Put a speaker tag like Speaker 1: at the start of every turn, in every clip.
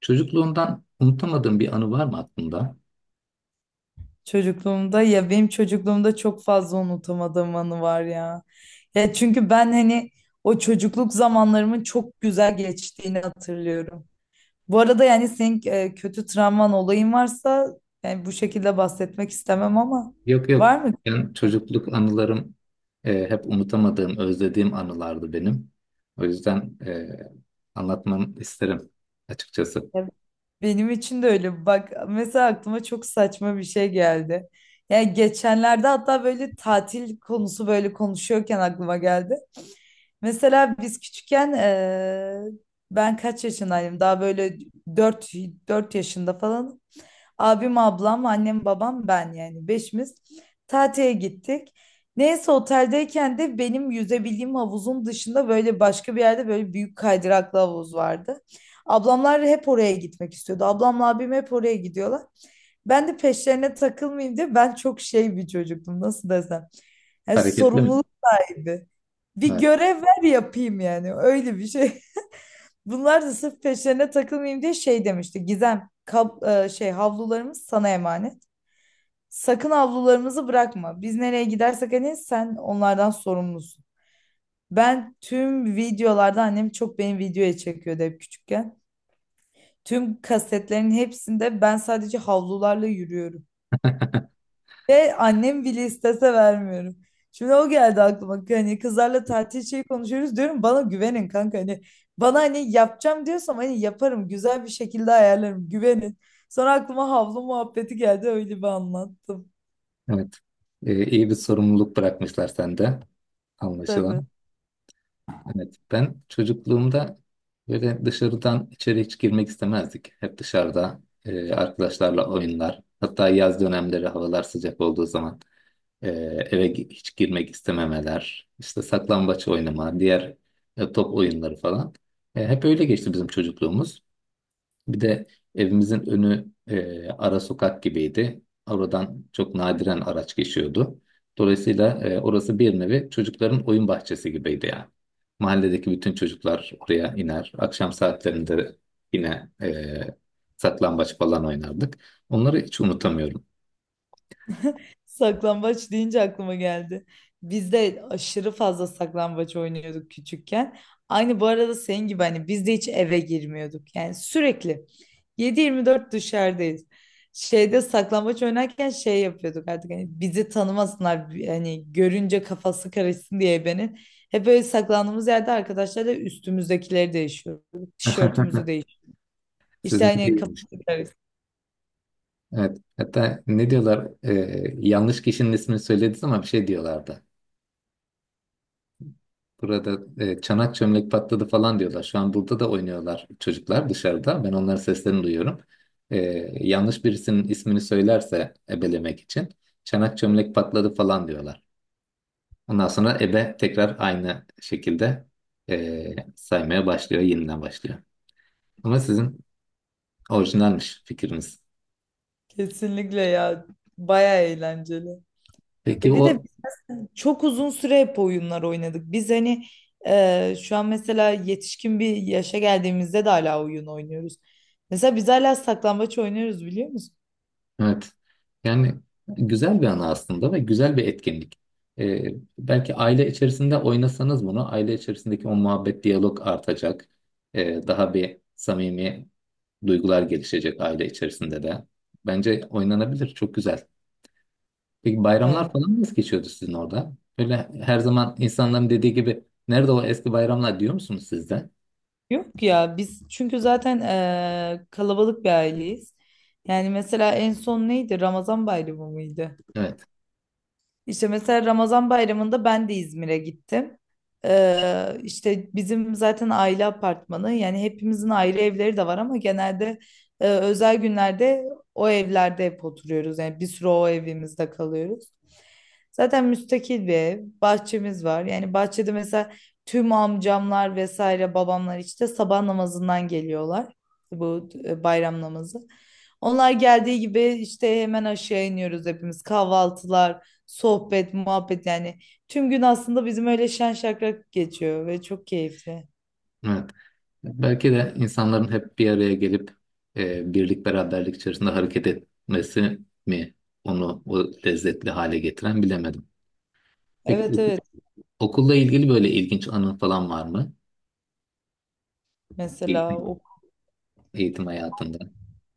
Speaker 1: Çocukluğundan unutamadığın bir anı var mı aklında?
Speaker 2: Çocukluğumda ya benim çocukluğumda çok fazla unutamadığım anı var ya. Ya çünkü ben hani o çocukluk zamanlarımın çok güzel geçtiğini hatırlıyorum. Bu arada yani senin kötü travman olayın varsa, yani bu şekilde bahsetmek istemem ama
Speaker 1: Yok yok.
Speaker 2: var mı?
Speaker 1: Yani çocukluk anılarım hep unutamadığım, özlediğim anılardı benim. O yüzden anlatmamı isterim açıkçası.
Speaker 2: Ya, benim için de öyle. Bak, mesela aklıma çok saçma bir şey geldi. Yani geçenlerde hatta böyle tatil konusu böyle konuşuyorken aklıma geldi. Mesela biz küçükken ben kaç yaşındaydım? Daha böyle 4 4 yaşında falan. Abim, ablam, annem, babam, ben, yani beşimiz tatile gittik. Neyse, oteldeyken de benim yüzebildiğim havuzun dışında böyle başka bir yerde böyle büyük kaydıraklı havuz vardı. Ablamlar hep oraya gitmek istiyordu. Ablamla abim hep oraya gidiyorlar. Ben de peşlerine takılmayayım diye, ben çok şey bir çocuktum, nasıl desem. Yani
Speaker 1: Hareketli mi?
Speaker 2: sorumluluk sahibi. Bir
Speaker 1: Evet.
Speaker 2: görev ver yapayım yani. Öyle bir şey. Bunlar da sırf peşlerine takılmayayım diye şey demişti. Gizem, havlularımız sana emanet. Sakın havlularımızı bırakma. Biz nereye gidersek hani, sen onlardan sorumlusun. Ben, tüm videolarda annem çok beni videoya çekiyordu hep küçükken. Tüm kasetlerin hepsinde ben sadece havlularla yürüyorum. Ve annem bile istese vermiyorum. Şimdi o geldi aklıma. Hani kızlarla tatil şeyi konuşuyoruz, diyorum, bana güvenin kanka. Hani bana hani yapacağım diyorsam hani yaparım. Güzel bir şekilde ayarlarım. Güvenin. Sonra aklıma havlu muhabbeti geldi. Öyle bir anlattım.
Speaker 1: Evet. İyi bir sorumluluk bırakmışlar sende
Speaker 2: Tabii.
Speaker 1: anlaşılan. Evet. Ben çocukluğumda böyle dışarıdan içeri hiç girmek istemezdik. Hep dışarıda arkadaşlarla oyunlar. Hatta yaz dönemleri havalar sıcak olduğu zaman. Ee, Hiç girmek istememeler, işte saklambaç oynama, diğer top oyunları falan. Hep öyle geçti bizim çocukluğumuz. Bir de evimizin önü ara sokak gibiydi. Oradan çok nadiren araç geçiyordu. Dolayısıyla orası bir nevi çocukların oyun bahçesi gibiydi yani. Mahalledeki bütün çocuklar oraya iner. Akşam saatlerinde yine saklambaç falan oynardık. Onları hiç unutamıyorum.
Speaker 2: Saklambaç deyince aklıma geldi. Biz de aşırı fazla saklambaç oynuyorduk küçükken. Aynı bu arada senin gibi, hani biz de hiç eve girmiyorduk. Yani sürekli 7/24 dışarıdayız. Şeyde saklambaç oynarken şey yapıyorduk artık, hani bizi tanımasınlar, hani görünce kafası karışsın diye ebenin. Hep böyle saklandığımız yerde arkadaşlarla üstümüzdekileri değişiyorduk. Tişörtümüzü değiş. İşte
Speaker 1: Sizinki
Speaker 2: hani
Speaker 1: değil.
Speaker 2: kafası karışsın.
Speaker 1: Evet. Hatta ne diyorlar? Yanlış kişinin ismini söylediniz ama bir şey diyorlardı. Burada çanak çömlek patladı falan diyorlar. Şu an burada da oynuyorlar çocuklar dışarıda. Ben onların seslerini duyuyorum. Ee, Yanlış birisinin ismini söylerse ebelemek için çanak çömlek patladı falan diyorlar. Ondan sonra ebe tekrar aynı şekilde saymaya başlıyor, yeniden başlıyor. Ama sizin orijinalmiş fikriniz.
Speaker 2: Kesinlikle ya. Baya eğlenceli.
Speaker 1: Peki
Speaker 2: Bir de
Speaker 1: o.
Speaker 2: çok uzun süre hep oyunlar oynadık. Biz hani şu an mesela yetişkin bir yaşa geldiğimizde de hala oyun oynuyoruz. Mesela biz hala saklambaç oynuyoruz, biliyor musun?
Speaker 1: Evet. Yani güzel bir ana aslında ve güzel bir etkinlik. Ee, Belki aile içerisinde oynasanız bunu, aile içerisindeki o muhabbet, diyalog artacak. Daha bir samimi duygular gelişecek aile içerisinde de. Bence oynanabilir, çok güzel. Peki bayramlar
Speaker 2: Evet.
Speaker 1: falan nasıl geçiyordu sizin orada? Böyle her zaman insanların dediği gibi, nerede o eski bayramlar diyor musunuz siz de?
Speaker 2: Yok ya, biz çünkü zaten kalabalık bir aileyiz. Yani mesela en son neydi? Ramazan Bayramı mıydı?
Speaker 1: Evet,
Speaker 2: İşte mesela Ramazan bayramında ben de İzmir'e gittim. İşte bizim zaten aile apartmanı, yani hepimizin aile evleri de var ama genelde özel günlerde o evlerde hep oturuyoruz. Yani bir süre o evimizde kalıyoruz. Zaten müstakil bir ev, bahçemiz var. Yani bahçede mesela tüm amcamlar vesaire, babamlar işte sabah namazından geliyorlar. Bu bayram namazı. Onlar geldiği gibi işte hemen aşağı iniyoruz hepimiz, kahvaltılar, sohbet, muhabbet, yani tüm gün aslında bizim öyle şen şakrak geçiyor ve çok keyifli.
Speaker 1: evet. Belki de insanların hep bir araya gelip birlik beraberlik içerisinde hareket etmesi mi onu o lezzetli hale getiren bilemedim. Peki
Speaker 2: Evet,
Speaker 1: oku-
Speaker 2: evet,
Speaker 1: Okulla ilgili böyle ilginç anın falan var mı?
Speaker 2: mesela
Speaker 1: Eğitim, eğitim hayatında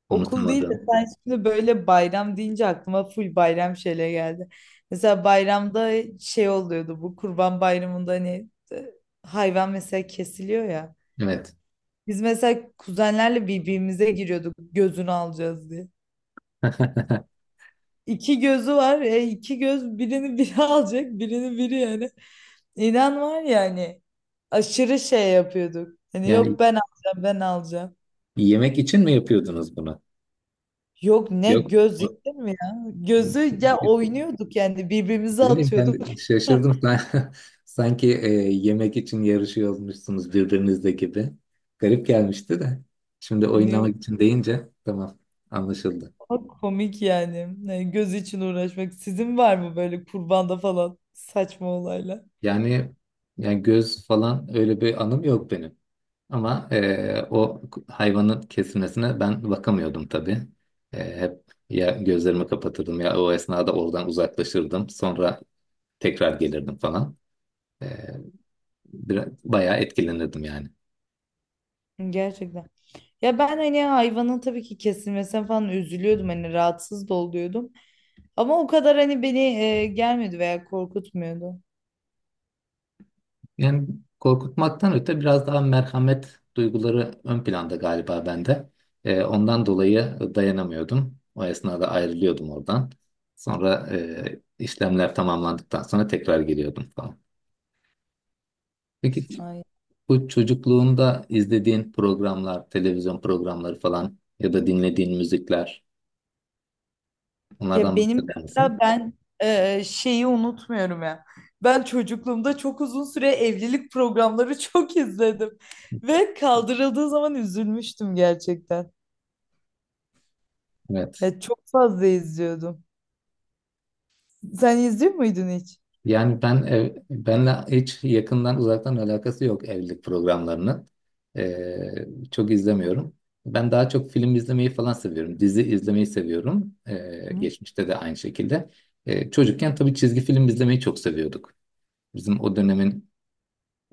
Speaker 2: okul değil de,
Speaker 1: unutamadığım.
Speaker 2: sen şimdi böyle bayram deyince aklıma full bayram şeyle geldi. Mesela bayramda şey oluyordu, bu Kurban Bayramı'nda hani, hayvan mesela kesiliyor ya.
Speaker 1: Evet.
Speaker 2: Biz mesela kuzenlerle birbirimize giriyorduk, gözünü alacağız diye. İki gözü var. İki göz, birini biri alacak, birini biri yani. İnan var ya hani, aşırı şey yapıyorduk. Hani
Speaker 1: Yani
Speaker 2: yok, ben alacağım, ben alacağım.
Speaker 1: yemek için mi yapıyordunuz bunu?
Speaker 2: Yok, ne
Speaker 1: Yok.
Speaker 2: göz
Speaker 1: o-
Speaker 2: yedin mi ya? Gözü ya, oynuyorduk yani, birbirimize
Speaker 1: Ne bileyim ben
Speaker 2: atıyorduk.
Speaker 1: de şaşırdım. Ben. Sanki yemek için yarışıyor olmuşsunuz birbirinizle gibi. Garip gelmişti de. Şimdi
Speaker 2: Hani, yok,
Speaker 1: oynamak için deyince tamam, anlaşıldı.
Speaker 2: çok komik yani. Yani göz için uğraşmak. Sizin var mı böyle kurbanda falan saçma olaylar?
Speaker 1: Yani göz falan öyle bir anım yok benim. Ama o hayvanın kesilmesine ben bakamıyordum tabii. Hep ya gözlerimi kapatırdım ya o esnada oradan uzaklaşırdım. Sonra tekrar gelirdim falan. E, Biraz, bayağı etkilenirdim yani.
Speaker 2: Gerçekten. Ya ben, hani hayvanın tabii ki kesilmesine falan üzülüyordum, hani rahatsız da oluyordum. Ama o kadar hani beni gelmedi veya korkutmuyordu.
Speaker 1: Yani korkutmaktan öte biraz daha merhamet duyguları ön planda galiba bende. Ondan dolayı dayanamıyordum. O esnada ayrılıyordum oradan. Sonra işlemler tamamlandıktan sonra tekrar giriyordum falan. Peki
Speaker 2: Ay.
Speaker 1: bu çocukluğunda izlediğin programlar, televizyon programları falan ya da dinlediğin müzikler,
Speaker 2: Ya
Speaker 1: onlardan
Speaker 2: benim
Speaker 1: bahseder misin?
Speaker 2: mesela ben şeyi unutmuyorum ya. Ben çocukluğumda çok uzun süre evlilik programları çok izledim. Ve kaldırıldığı zaman üzülmüştüm gerçekten.
Speaker 1: Evet.
Speaker 2: Ya çok fazla izliyordum. Sen izliyor muydun hiç?
Speaker 1: Benle hiç yakından uzaktan alakası yok evlilik programlarının. Çok izlemiyorum. Ben daha çok film izlemeyi falan seviyorum. Dizi izlemeyi seviyorum.
Speaker 2: Hı?
Speaker 1: Geçmişte de aynı şekilde. Çocukken tabii çizgi film izlemeyi çok seviyorduk. Bizim o dönemin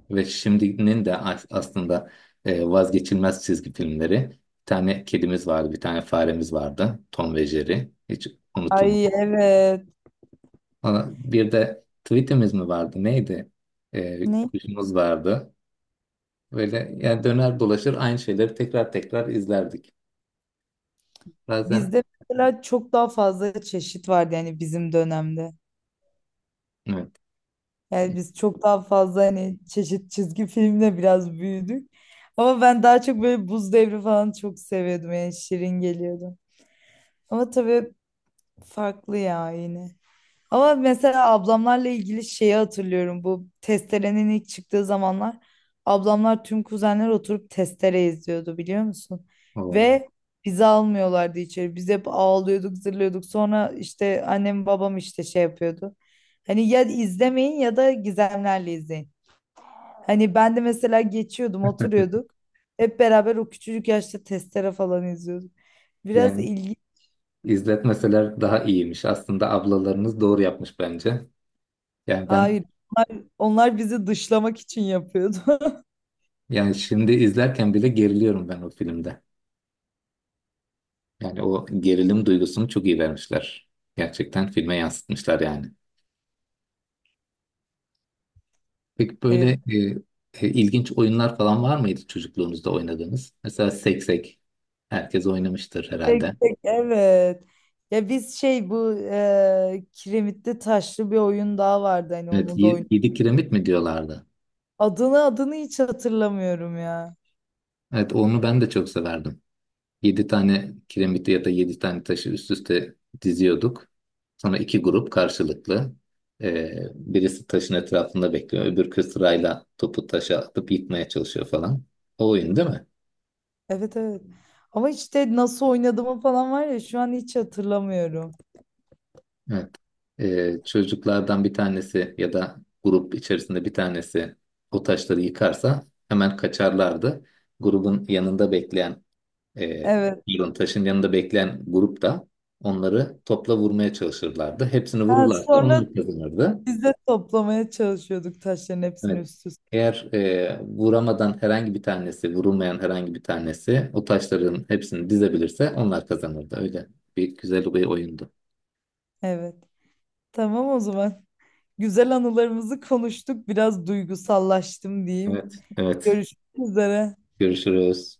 Speaker 1: ve şimdinin de aslında vazgeçilmez çizgi filmleri. Bir tane kedimiz vardı, bir tane faremiz vardı. Tom ve Jerry. Hiç unutulmaz.
Speaker 2: Ay, evet.
Speaker 1: Sonra bir de tweetimiz mi vardı? Neydi?
Speaker 2: Ne?
Speaker 1: Kuşumuz vardı. Böyle yani döner dolaşır aynı şeyleri tekrar tekrar izlerdik. Bazen
Speaker 2: Bizde mesela çok daha fazla çeşit vardı yani bizim dönemde.
Speaker 1: evet.
Speaker 2: Yani biz çok daha fazla hani çeşit çizgi filmle biraz büyüdük. Ama ben daha çok böyle Buz Devri falan çok seviyordum, yani şirin geliyordu. Ama tabii farklı ya yine. Ama mesela ablamlarla ilgili şeyi hatırlıyorum. Bu testerenin ilk çıktığı zamanlar ablamlar, tüm kuzenler oturup testere izliyordu, biliyor musun?
Speaker 1: Oo.
Speaker 2: Ve bizi almıyorlardı içeri. Biz hep ağlıyorduk, zırlıyorduk. Sonra işte annem babam işte şey yapıyordu. Hani ya izlemeyin ya da gizemlerle izleyin. Hani ben de mesela geçiyordum, oturuyorduk. Hep beraber o küçücük yaşta testere falan izliyorduk. Biraz
Speaker 1: Yani
Speaker 2: ilginç.
Speaker 1: izletmeseler daha iyiymiş. Aslında ablalarınız doğru yapmış bence. Yani ben,
Speaker 2: Hayır. Onlar bizi dışlamak için yapıyordu.
Speaker 1: yani şimdi izlerken bile geriliyorum ben o filmde. Yani o gerilim duygusunu çok iyi vermişler. Gerçekten filme yansıtmışlar yani. Peki böyle
Speaker 2: Evet.
Speaker 1: ilginç oyunlar falan var mıydı çocukluğunuzda oynadığınız? Mesela seksek. Herkes oynamıştır
Speaker 2: Tek
Speaker 1: herhalde.
Speaker 2: tek, evet. Ya biz şey, bu kiremitli taşlı bir oyun daha vardı hani,
Speaker 1: Evet,
Speaker 2: onu da oyun.
Speaker 1: yedi kiremit mi diyorlardı?
Speaker 2: Adını hiç hatırlamıyorum ya.
Speaker 1: Evet, onu ben de çok severdim. Yedi tane kiremiti ya da yedi tane taşı üst üste diziyorduk. Sonra iki grup karşılıklı. Birisi taşın etrafında bekliyor. Öbürkü sırayla topu taşa atıp yıkmaya çalışıyor falan. O oyun değil mi?
Speaker 2: Evet, evet. Ama işte nasıl oynadığımı falan var ya, şu an hiç hatırlamıyorum.
Speaker 1: Evet. Çocuklardan bir tanesi ya da grup içerisinde bir tanesi o taşları yıkarsa hemen kaçarlardı. Grubun yanında bekleyen, e,
Speaker 2: Evet.
Speaker 1: pardon, taşın yanında bekleyen grup da onları topla vurmaya çalışırlardı. Hepsini
Speaker 2: Ha,
Speaker 1: vururlarsa
Speaker 2: sonra
Speaker 1: onlar kazanırdı.
Speaker 2: biz de toplamaya çalışıyorduk taşların hepsini
Speaker 1: Evet.
Speaker 2: üst üste.
Speaker 1: Eğer vuramadan herhangi bir tanesi, vurulmayan herhangi bir tanesi o taşların hepsini dizebilirse onlar kazanırdı. Öyle bir güzel bir oyundu.
Speaker 2: Evet. Tamam, o zaman. Güzel anılarımızı konuştuk. Biraz duygusallaştım diyeyim.
Speaker 1: Evet, evet.
Speaker 2: Görüşmek üzere.
Speaker 1: Görüşürüz.